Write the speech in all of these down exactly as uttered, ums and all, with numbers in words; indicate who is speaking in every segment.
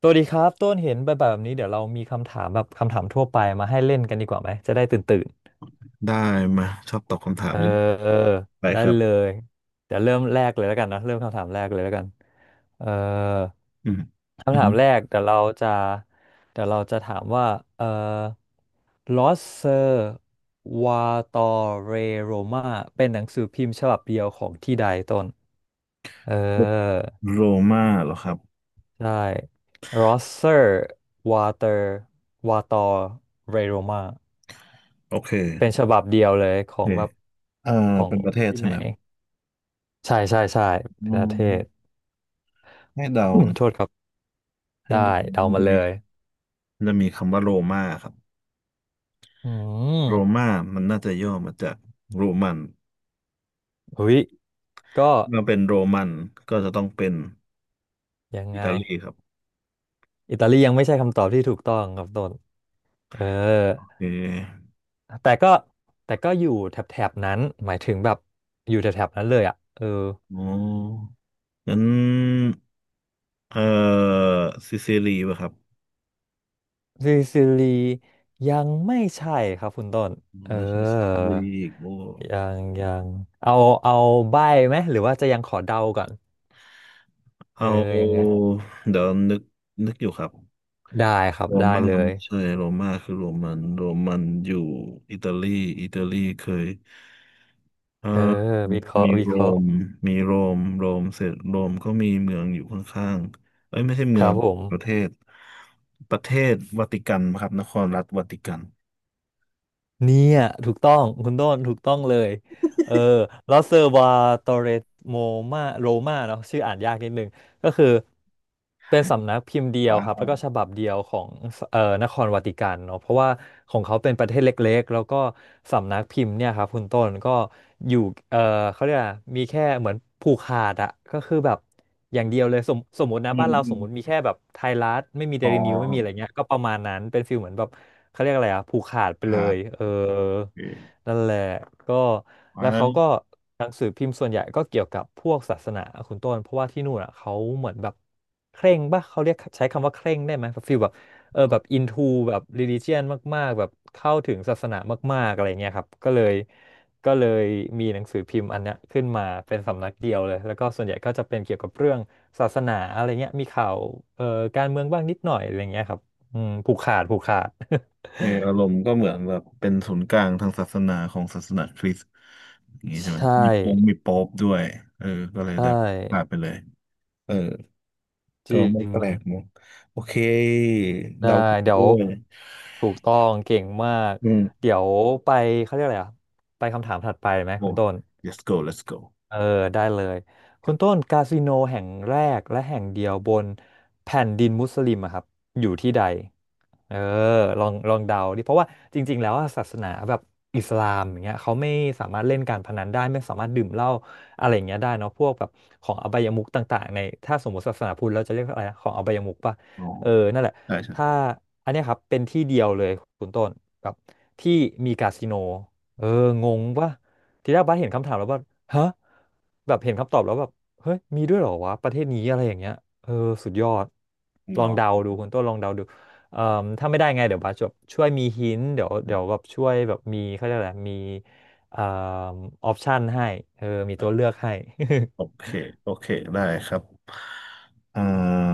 Speaker 1: สวัสดีครับต้นเห็นแบบแบบนี้เดี๋ยวเรามีคำถามแบบคำถามทั่วไปมาให้เล่นกันดีกว่าไหมจะได้ตื่นตื่น
Speaker 2: ได้มาชอบตอบคำถาม
Speaker 1: เออ
Speaker 2: อยู่
Speaker 1: เออ
Speaker 2: ไป
Speaker 1: ได้
Speaker 2: ครับ
Speaker 1: เลยเดี๋ยวเริ่มแรกเลยแล้วกันนะเริ่มคำถามแรกเลยแล้วกันเออ
Speaker 2: อืมอื
Speaker 1: คำถา
Speaker 2: ม
Speaker 1: มแรกเดี๋ยวเราจะเดี๋ยวเราจะถามว่าเออลอสเซอร์วาตอเรโรมาเป็นหนังสือพิมพ์ฉบับเดียวของที่ใดต้นเออ
Speaker 2: โรมาเหรอครับ
Speaker 1: ใช่ Rosser Water Water Raroma
Speaker 2: โอเค
Speaker 1: เป็นฉบับเดียวเลย
Speaker 2: โอ
Speaker 1: ขอ
Speaker 2: เค
Speaker 1: งแบบ
Speaker 2: เอ่อ
Speaker 1: ของ
Speaker 2: เป็นประเทศ
Speaker 1: ที่
Speaker 2: ใช่
Speaker 1: ไหน
Speaker 2: ไหมครับ
Speaker 1: ใช่ใช่ใช่
Speaker 2: อื
Speaker 1: เป็นประเทศ
Speaker 2: มให้เดา
Speaker 1: อืม
Speaker 2: นะ
Speaker 1: โทษครับ
Speaker 2: ให้
Speaker 1: ได้
Speaker 2: เดา
Speaker 1: เดา
Speaker 2: มัน
Speaker 1: มา
Speaker 2: จะ
Speaker 1: เล
Speaker 2: มี
Speaker 1: ย
Speaker 2: มันจะมีคำว่าโรมาครับ
Speaker 1: อืม
Speaker 2: โรมามันน่าจะย่อมาจากโรมัน
Speaker 1: หุ้ยก็
Speaker 2: เมื่อเป็นโรมันก็จะต้องเป็น
Speaker 1: ยัง
Speaker 2: อิ
Speaker 1: ไง
Speaker 2: ตาลีครับ
Speaker 1: อิตาลียังไม่ใช่คำตอบที่ถูกต้องครับต้นเออ
Speaker 2: โอเค
Speaker 1: แต่ก็แต่ก็อยู่แถบๆนั้นหมายถึงแบบอยู่แถบๆนั้นเลยอ่ะเออ
Speaker 2: โอ้งั้นเอ่อซิซิลีป่ะครับ
Speaker 1: ซิซิลียังไม่ใช่ครับคุณต้นเออ
Speaker 2: ไม่ใช่ซิซิลีโอ้
Speaker 1: ยังยังเอาเอาใบ้ไหมหรือว่าจะยังขอเดาก่อน
Speaker 2: เอ
Speaker 1: เออยังไง
Speaker 2: าเดี๋ยวนึกนึกอยู่ครับ
Speaker 1: ได้ครับ
Speaker 2: โร
Speaker 1: ได้
Speaker 2: ม่า
Speaker 1: เลย
Speaker 2: ไม่ใช่โรม่าคือโรมันโรมันอยู่อิตาลีอิตาลีเคยเอ่อ
Speaker 1: เออวิเคราะ
Speaker 2: มี
Speaker 1: ห์วิ
Speaker 2: โร
Speaker 1: เคราะห์
Speaker 2: มมีโรมโรมเสร็จโรมก็มีเมืองอยู่ข้างๆเอ้ยไม่ใช่
Speaker 1: ค
Speaker 2: เมือ
Speaker 1: รับ
Speaker 2: ง
Speaker 1: ผม
Speaker 2: ประเทศประเทศวาติกันครับนครรัฐวาติกัน
Speaker 1: เนี่ยถูกต้องคุณต้นถูกต้องเลยเออลอสเซอร์วาโตเรโมมาโรมาเนาะชื่ออ่านยากนิดนึง ก็คือเป็นสำนักพิมพ์เดียว
Speaker 2: ว้า
Speaker 1: ครับแล้วก็
Speaker 2: ว
Speaker 1: ฉบับเดียวของเอ่อนครวาติกันเนาะเพราะว่าของเขาเป็นประเทศเล็กๆแล้วก็สำนักพิมพ์เนี่ยครับคุณต้นก็อยู่เอ่อเขาเรียกอะไรมีแค่เหมือนผูกขาดอะก็คือแบบอย่างเดียวเลยสมสมมตินะ
Speaker 2: อื
Speaker 1: บ้า
Speaker 2: ม
Speaker 1: นเรา
Speaker 2: อ
Speaker 1: สม
Speaker 2: ม
Speaker 1: มติมีแค่แบบไทยรัฐไม่มีเด
Speaker 2: อ๋อ
Speaker 1: ลินิวไม่มีอะไรเงี้ยก็ประมาณนั้นเป็นฟิลเหมือนแบบเขาเรียกอะไรอะผูกขาดไป
Speaker 2: ค
Speaker 1: เล
Speaker 2: รับ
Speaker 1: ยเออ
Speaker 2: โอเค
Speaker 1: นั่นแหละก็แล้ว
Speaker 2: ว้าว
Speaker 1: เขาก็หนังสือพิมพ์ส่วนใหญ่ก็เกี่ยวกับพวกศาสนาคุณต้นเพราะว่าที่นู่นอ่ะเขาเหมือนแบบเคร่งป่ะเขาเรียกใช้คำว่าเคร่งได้ไหมแบบฟีลแบบเออแบบอินทูแบบ religion มากๆแบบเข้าถึงศาสนามากๆอะไรเงี้ยครับก็เลยก็เลยมีหนังสือพิมพ์อันเนี้ยขึ้นมาเป็นสำนักเดียวเลยแล้วก็ส่วนใหญ่ก็จะเป็นเกี่ยวกับเรื่องศาสนาอะไรเงี้ยมีข่าวเอ่อการเมืองบ้างนิดหน่อยอะไรเงี้ยครับอืมผูกขาดผูกขาด
Speaker 2: เอออารมณ์ก็เหมือนแบบเป็นศูนย์กลางทางศาสนาของศาสนาคริสต์อย่างนี้ ใช่ไหม
Speaker 1: ใช่
Speaker 2: มีปงมีโป๊อปด้วยเออก็เลย
Speaker 1: ใช่
Speaker 2: แบบพลาดไปเลยเออ
Speaker 1: จ
Speaker 2: ก็
Speaker 1: ริ
Speaker 2: ไม่
Speaker 1: ง
Speaker 2: แปลกมั้งโอเค
Speaker 1: ได้
Speaker 2: เดาถูก
Speaker 1: เดี๋ย
Speaker 2: ด้
Speaker 1: ว
Speaker 2: วย
Speaker 1: ถูกต้องเก่งมาก
Speaker 2: อืม
Speaker 1: เดี๋ยวไปเขาเรียกอะไรอ่ะไปคำถามถัดไปไหมคุ
Speaker 2: โอ้
Speaker 1: ณต้น
Speaker 2: let's go let's go
Speaker 1: เออได้เลย
Speaker 2: ค
Speaker 1: คุ
Speaker 2: รั
Speaker 1: ณต้
Speaker 2: บ
Speaker 1: นคาสิโนแห่งแรกและแห่งเดียวบนแผ่นดินมุสลิมอะครับอยู่ที่ใดเออลองลองเดาดิเพราะว่าจริงๆแล้วอะศาสนาแบบอิสลามอย่างเงี้ยเขาไม่สามารถเล่นการพนันได้ไม่สามารถดื่มเหล้าอะไรอย่างเงี้ยได้เนาะพวกแบบของอบายมุขต่างๆในถ้าสมมติศาสนาพุทธเราจะเรียกอะไรนะของอบายมุขป่ะ
Speaker 2: อ๋อ
Speaker 1: เออนั่นแหละ
Speaker 2: ใช่ใช่
Speaker 1: ถ้าอันเนี้ยครับเป็นที่เดียวเลยคุณต้นแบบที่มีคาสิโนเอองงป่ะ ทีแรกบัสเห็นคำถามแล้วบัสฮะแบบเห็นคำตอบแล้วแบบเฮ้ยมีด้วยเหรอวะประเทศนี้อะไรอย่างเงี้ยเออสุดยอดลอง
Speaker 2: เนาะ
Speaker 1: เดาดูคุณต้นลองเดาดูเอ่อถ้าไม่ได้ไงเดี๋ยวบัสจะช่วยมีหินเดี๋ยวเดี๋ยวแบบช่วยแบบมีเขาเรียกอะไรมีเอ่อออปชันให้เออมีตัวเลือกให้
Speaker 2: โอเคโอเคได้ครับอ่า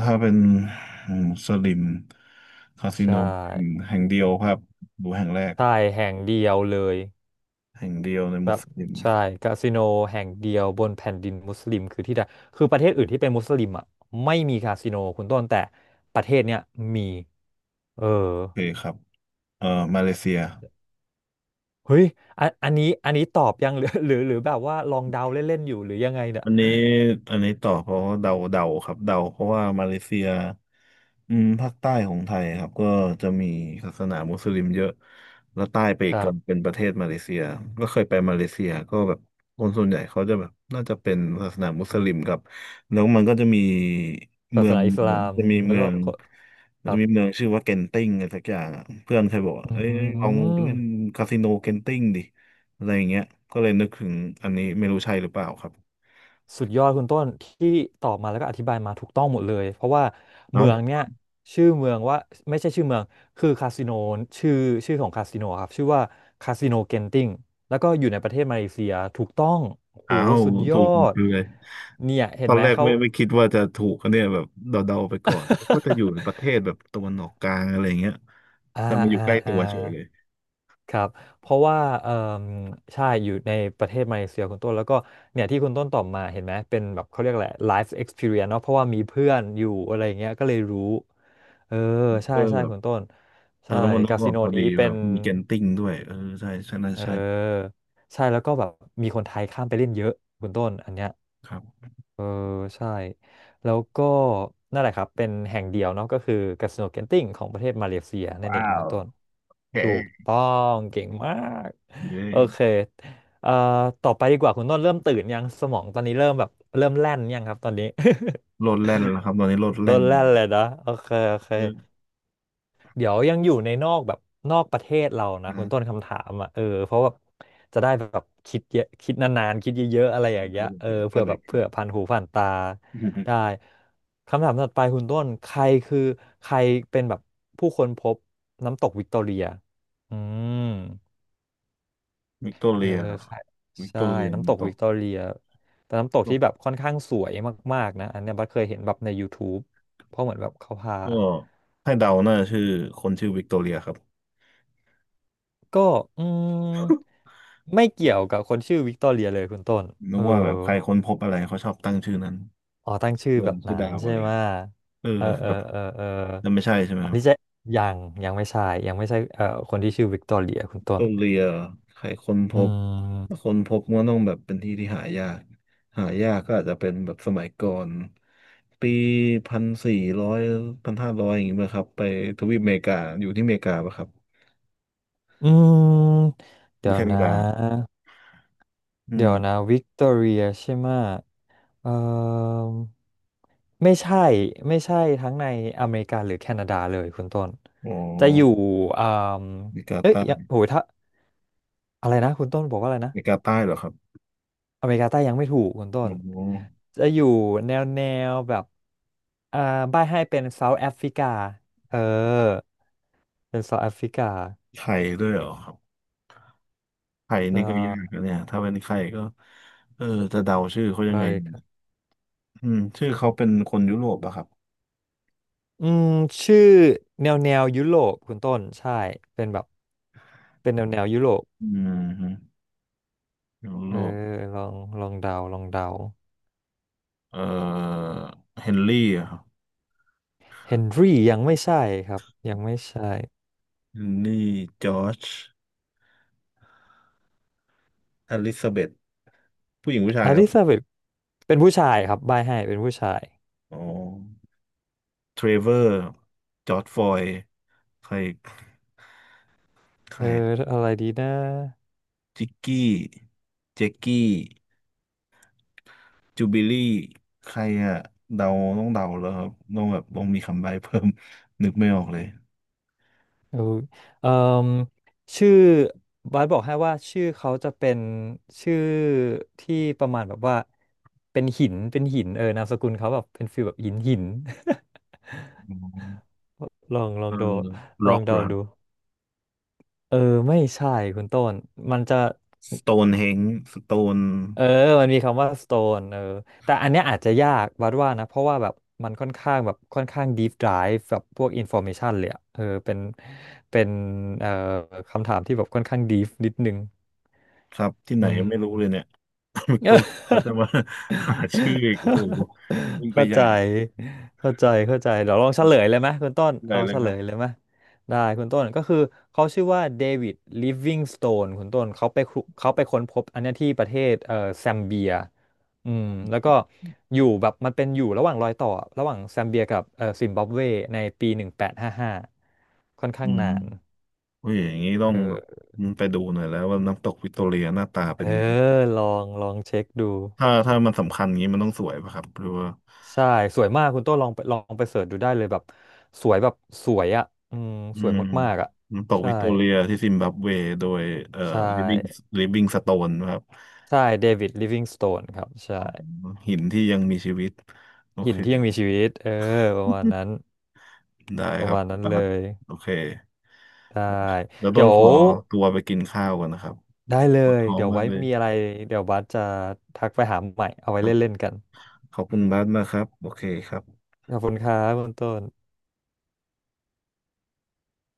Speaker 2: ถ้าเป็นอืมสลิมคา สิโน
Speaker 1: ใช่
Speaker 2: แห่งแห่งเดียวครับดูแห่งแรก
Speaker 1: ใช่แห่งเดียวเลย
Speaker 2: แห่งเดียวใน
Speaker 1: แบ
Speaker 2: มุส
Speaker 1: บ
Speaker 2: ลิม
Speaker 1: ใช่คาสิโนแห่งเดียวบนแผ่นดินมุสลิมคือที่ใดคือประเทศอื่นที่เป็นมุสลิมอ่ะไม่มีคาสิโนคุณต้นแต่ประเทศเนี้ยมีเออ
Speaker 2: โอเคครับ เออมาเลเซีย
Speaker 1: เฮ้ยอันอันนี้อันนี้ตอบยังหรือ หรือหรือแบบว่าลองเดาเล่นๆอยู่หรือยังไงเนี่ย
Speaker 2: อันนี้อันนี้ต่อเพราะเดาเดาครับเดาเพราะว่ามาเลเซียอืมภาคใต้ของไทยครับก็จะมีศาสนามุสลิมเยอะแล้วใต้ไปอี
Speaker 1: ค
Speaker 2: ก
Speaker 1: รั
Speaker 2: ก็
Speaker 1: บ
Speaker 2: เป็นประเทศมาเลเซียก็เคยไปมาเลเซียก็แบบคนส่วนใหญ่เขาจะแบบน่าจะเป็นศาสนามุสลิมครับแล้วมันก็จะมี
Speaker 1: ศา
Speaker 2: เมื
Speaker 1: ส
Speaker 2: อง
Speaker 1: นาอิสลาม
Speaker 2: จะมี
Speaker 1: แล้ว
Speaker 2: เมือง
Speaker 1: ก็
Speaker 2: มั
Speaker 1: ค
Speaker 2: นจะ
Speaker 1: รั
Speaker 2: มีเมื
Speaker 1: บ
Speaker 2: องชื่อว่าเกนติ้งอะไรสักอย่างอะเพื่อนเคยบอกว่า
Speaker 1: อื
Speaker 2: เอ้ยลอง
Speaker 1: ม
Speaker 2: เล่นคาสิโนเกนติ้งดิอะไรอย่างเงี้ยก็เลยนึกถึงอันนี้ไม่รู้ใช่หรือเปล่าครับ
Speaker 1: สุดยอดคุณต้นที่ตอบมาแล้วก็อธิบายมาถูกต้องหมดเลยเพราะว่า
Speaker 2: เอ้า
Speaker 1: เมืองเนี่ยชื่อเมืองว่าไม่ใช่ชื่อเมืองคือคาสิโนชื่อชื่อของคาสิโนครับชื่อว่าคาสิโนเกนติงแล้วก็อยู่ในประเทศมาเลเซียถูกต้องโอ้โห
Speaker 2: อ้าว
Speaker 1: สุดย
Speaker 2: ถู
Speaker 1: อ
Speaker 2: ก
Speaker 1: ด
Speaker 2: คือเลย
Speaker 1: เนี่ยเห็
Speaker 2: ต
Speaker 1: น
Speaker 2: อน
Speaker 1: ไหม
Speaker 2: แรก
Speaker 1: เขา
Speaker 2: ไม่ไม่คิดว่าจะถูกอันเนี่ยแบบเดาๆไปก่อนว่าจะอยู่ในประเทศแบบตะวันออกกลางอะไรเงี้ย
Speaker 1: อ่า
Speaker 2: แต่มาอยู่
Speaker 1: อ่า
Speaker 2: ใกล้ตั
Speaker 1: อ่า
Speaker 2: วเฉยเลย
Speaker 1: ครับเพราะว่าเออใช่อยู่ในประเทศมาเลเซียคุณต้นแล้วก็เนี่ยที่คุณต้นตอบมาเห็นไหมเป็นแบบเขาเรียกอะไร life experience เนาะเพราะว่ามีเพื่อนอยู่อะไรอย่างเงี้ยก็เลยรู้ เออใช่
Speaker 2: เออ
Speaker 1: ใช่
Speaker 2: แบบ
Speaker 1: คุณต้น
Speaker 2: เออ
Speaker 1: ใช่
Speaker 2: แล้วมันนึก
Speaker 1: คา
Speaker 2: อ
Speaker 1: สิ
Speaker 2: อก
Speaker 1: โน
Speaker 2: พอดี
Speaker 1: นี้เป็
Speaker 2: แบ
Speaker 1: น
Speaker 2: บมีเกนติ้งด้วยเออใช่ใช่น่า
Speaker 1: เ
Speaker 2: ใช่
Speaker 1: ออใช่แล้วก็แบบมีคนไทยข้ามไปเล่นเยอะคุณต้นอันเนี้ย
Speaker 2: ครับ
Speaker 1: เออใช่แล้วก็นั่นแหละครับเป็นแห่งเดียวเนาะก็คือคาสิโนเกนติ้งของประเทศมาเลเซียนั่นเองคุณต้น
Speaker 2: แข
Speaker 1: ถูก
Speaker 2: ก
Speaker 1: ต้องเก่งมาก
Speaker 2: อยู่ได้
Speaker 1: โอเคเอ่อต่อไปดีกว่าคุณต้นเริ่มตื่นยังสมองตอนนี้เริ่มแบบเริ่มแล่นยังครับตอนนี้
Speaker 2: โล ดแล่นแล้วครับตอนนี้โลด
Speaker 1: เริ่
Speaker 2: แล่น
Speaker 1: มแล่นเลยนะโอเคโอเค
Speaker 2: เออ
Speaker 1: เดี๋ยวยังอยู่ในนอกแบบนอกประเทศเรานะคุณต้
Speaker 2: นะ
Speaker 1: นคำถามอ่ะเออเพราะแบบจะได้แบบคิดเยอะคิดนานๆคิดเยอะๆอะไรอย่าง
Speaker 2: ใช่
Speaker 1: เงี้ย
Speaker 2: เ
Speaker 1: เออเผื่อ
Speaker 2: ล
Speaker 1: แบ
Speaker 2: ย
Speaker 1: บ
Speaker 2: ค
Speaker 1: เผื่
Speaker 2: รั
Speaker 1: อ
Speaker 2: บ
Speaker 1: ผ่านหูผ่านตาได้คำถามถัดไปคุณต้นใครคือใครเป็นแบบผู้ค้นพบน้ำตกวิกตอเรียอืม
Speaker 2: วิกตอ
Speaker 1: เอ
Speaker 2: เรี
Speaker 1: อ
Speaker 2: ยครับ
Speaker 1: ใช่
Speaker 2: วิกต
Speaker 1: ใช่
Speaker 2: อเรีย
Speaker 1: น้ำตก
Speaker 2: ต
Speaker 1: วิ
Speaker 2: ก
Speaker 1: กตอเรียเป็นน้ำตก
Speaker 2: ต
Speaker 1: ที่
Speaker 2: ก
Speaker 1: แบบค่อนข้างสวยมากๆนะอันเนี้ยบัสเคยเห็นแบบใน ยูทูบ เพราะเหมือนแบบเขาพา
Speaker 2: ก็ให้เดาน่าจะชื่อคนชื่อวิกตอเรียครับ
Speaker 1: ก็อืมไม่เกี่ยวกับคนชื่อวิกตอเรียเลยคุณต้น
Speaker 2: นึ
Speaker 1: เอ
Speaker 2: ก
Speaker 1: อ
Speaker 2: ว่าแบบใครค้นพบอะไรเขาชอบตั้งชื่อนั้น
Speaker 1: อ๋อตั้งชื่อ
Speaker 2: ล
Speaker 1: แบ
Speaker 2: ง
Speaker 1: บ
Speaker 2: ชื่อ
Speaker 1: นั้น
Speaker 2: ดาวอะ
Speaker 1: ใช่
Speaker 2: ไร
Speaker 1: ไหม
Speaker 2: เงี้ยเออ
Speaker 1: เออเอ
Speaker 2: แบ
Speaker 1: อ
Speaker 2: บ
Speaker 1: เออเออ
Speaker 2: นั่นไม่ใช่ใช่ไหม
Speaker 1: อัน
Speaker 2: ครับ
Speaker 1: นี้จะยังยังไม่ใช่ยังไม่ใช่เอ่อคนที่ชื่อวิกตอเรียคุณต้
Speaker 2: โด
Speaker 1: น
Speaker 2: นเรียใครค้นพ
Speaker 1: อื
Speaker 2: บถ้า
Speaker 1: ม
Speaker 2: ค้นพบมันก็ต้องแบบเป็นที่ที่หายากหายากก็อาจจะเป็นแบบสมัยก่อนปีพันสี่ร้อยพันห้าร้อยอย่างเงี้ยครับไปทวีปอเมริกาอยู่ที่อเมริกาปะครับ
Speaker 1: อืม
Speaker 2: หรื
Speaker 1: เดี๋
Speaker 2: อ
Speaker 1: ยว
Speaker 2: แค
Speaker 1: น
Speaker 2: นาดา
Speaker 1: ะ
Speaker 2: อื
Speaker 1: เดี๋
Speaker 2: ม
Speaker 1: ยวนะวิกตอเรียใช่ไหมเออไม่ใช่ไม่ใช่ทั้งในอเมริกาหรือแคนาดาเลยคุณต้น
Speaker 2: อ๋อ
Speaker 1: จะอยู่อ่า
Speaker 2: อเมริกา
Speaker 1: เอ้ย
Speaker 2: ใต้
Speaker 1: ยังโห
Speaker 2: อ
Speaker 1: ถ้า อะไรนะคุณต้นบอกว่าอะไรนะ
Speaker 2: เมริกาใต้เหรอครับ
Speaker 1: อเมริกาใต้ยังไม่ถูกคุณต้
Speaker 2: อ๋
Speaker 1: น
Speaker 2: อ
Speaker 1: จะอยู่แนวแนวแบบอ่าบ้ายให้เป็นเซาท์แอฟริกาเออเป็นเซาท์แอฟริกา
Speaker 2: ไข่ด้วยเหรอครับไข่
Speaker 1: ใช
Speaker 2: นี่ก็ยาก
Speaker 1: ่
Speaker 2: นะเนี่ยถ้าเป็นไข่ก็เออจะเดาชื่อเขายัง
Speaker 1: ใช่
Speaker 2: ไง
Speaker 1: ครับ
Speaker 2: อืมชื่อเขาเป็นคนยุโรปอะครับ
Speaker 1: อืมชื่อแนวแนวยุโรปคุณต้นใช่เป็นแบบเป็นแนวแนวยุโรป
Speaker 2: อืมฮึยุ
Speaker 1: เอ
Speaker 2: โร
Speaker 1: อ
Speaker 2: ป
Speaker 1: ลองลองเดาลองเดา
Speaker 2: เอ่อเฮนรี่อะครับ
Speaker 1: เฮนรี่ยังไม่ใช่ครับยังไม่ใช่
Speaker 2: เฮนรี่ จอร์จอลิซาเบธผู้หญิงผู้ชา
Speaker 1: อ
Speaker 2: ยครั
Speaker 1: ลิ
Speaker 2: บ
Speaker 1: ซาเบธเป็นผู้ชายครับบายให้เป็นผู้ชาย
Speaker 2: อ๋อเทรเวอร์ จอร์จฟลอยด์ใคร ใค
Speaker 1: เอ
Speaker 2: ร
Speaker 1: อ
Speaker 2: อะ
Speaker 1: อะไรดีนะ
Speaker 2: จิกกี้ เจกกี้จูบิลี่ ใครอะเดาต้องเดาแล้วครับ ต้องแบบต้องมีคำใบ้เพิ่ม นึกไม่ออกเลย
Speaker 1: เออเอ่มชื่อบาสบอกให้ว่าชื่อเขาจะเป็นชื่อที่ประมาณแบบว่าเป็นหินเป็นหินเออนามสกุลเขาแบบเป็นฟีลแบบหินหิน
Speaker 2: อืม
Speaker 1: ลองลอ
Speaker 2: เอ
Speaker 1: งดู
Speaker 2: อ
Speaker 1: ลอ
Speaker 2: ร็อ
Speaker 1: ง
Speaker 2: กเหร
Speaker 1: เดา
Speaker 2: อครับ
Speaker 1: ดูเออไม่ใช่คุณต้นมันจะ
Speaker 2: สโตนเฮงสโตน
Speaker 1: เออมันมีคำว่า สโตน เออแต่อันเนี้ยอาจจะยากวัดว่านะเพราะว่าแบบมันค่อนข้างแบบค่อนข้าง ดีพ ไดฟ์ แบบพวก อินฟอร์เมชั่น เลยอะเออเป็นเป็นเอ่อคำถามที่แบบค่อนข้าง deep นิดนึง
Speaker 2: ครับที่ไหน
Speaker 1: อืม
Speaker 2: ยังไม่รู้เลยเนี่ย วิกตอเรียเขาจะ มา หาชื่ออีกโอ้โหยิ่งไป
Speaker 1: เข้า
Speaker 2: ให
Speaker 1: ใจ
Speaker 2: ญ่
Speaker 1: เข้าใจเข้าใจเดี๋ยวลองเฉลยเลยไหมคุณต้น
Speaker 2: ใหญ่
Speaker 1: เอา
Speaker 2: เล
Speaker 1: เฉ
Speaker 2: ยค
Speaker 1: ล
Speaker 2: รั
Speaker 1: ยเล
Speaker 2: บ
Speaker 1: ยไหมได้คุณต้นก็คือเขาชื่อว่าเดวิดลิฟวิงสโตนคุณต้นเขาไปคุเขาไปค้นพบอันเนี้ยที่ประเทศเอ่อแซมเบียอืมแล้วก็อยู่แบบมันเป็นอยู่ระหว่างรอยต่อระหว่างแซมเบียกับเอ่อซิมบับเวในปีหนึ่งแปดห้าห้าค่อนข้า
Speaker 2: อื
Speaker 1: ง
Speaker 2: ม
Speaker 1: นาน
Speaker 2: โอ้ยอย่างนี้ต้อ
Speaker 1: เอ
Speaker 2: งแบบ
Speaker 1: อ
Speaker 2: ไปดูหน่อยแล้วว่าน้ำตกวิกตอเรียหน้าตา
Speaker 1: เอ
Speaker 2: เป็น
Speaker 1: อ
Speaker 2: ยังไง
Speaker 1: ลองลองเช็คดู
Speaker 2: ถ้าถ้ามันสำคัญอย่างนี้มันต้องสวยป่ะครับหรือว่า
Speaker 1: ใช่สวยมากคุณโต้ลองไปลองไปเสิร์ชดูได้เลยแบบสวยแบบสวยอ่ะอืม
Speaker 2: อื
Speaker 1: สวย
Speaker 2: ม
Speaker 1: มากๆอ่ะ
Speaker 2: น้ำตก
Speaker 1: ใช่
Speaker 2: วิกตอเรียที่ซิมบับเวโดยเอ่อ
Speaker 1: ใช่
Speaker 2: ลิฟวิง แอล ไอ ไอ เอ็น จี สโตน นะครับ
Speaker 1: ใช่เดวิดลิฟวิงสโตนครับใช่
Speaker 2: อ๋อหินที่ยังมีชีวิตโอ
Speaker 1: หิ
Speaker 2: เค
Speaker 1: นที่ยังมีชีวิตเออประมาณนั้น
Speaker 2: ได้
Speaker 1: ป
Speaker 2: ค
Speaker 1: ระ
Speaker 2: รับ
Speaker 1: มาณนั้น
Speaker 2: บา
Speaker 1: เล
Speaker 2: ส
Speaker 1: ย
Speaker 2: โอเค
Speaker 1: ได้
Speaker 2: แล้วต้
Speaker 1: เดี๋ย
Speaker 2: น
Speaker 1: ว
Speaker 2: ขอตัวไปกินข้าวก่อนนะครับ
Speaker 1: ได้เล
Speaker 2: ปวด
Speaker 1: ย
Speaker 2: ท้อง
Speaker 1: เดี๋ยว
Speaker 2: มาก
Speaker 1: ไว้
Speaker 2: เลย
Speaker 1: มีอะไรเดี๋ยวบัสจะทักไปหาใหม่เอา
Speaker 2: ค
Speaker 1: ไว้
Speaker 2: รับ
Speaker 1: เล่นๆกัน
Speaker 2: ขอบคุณบาสมากครับโอเคครับ
Speaker 1: ขอบคุณครับคุณต้น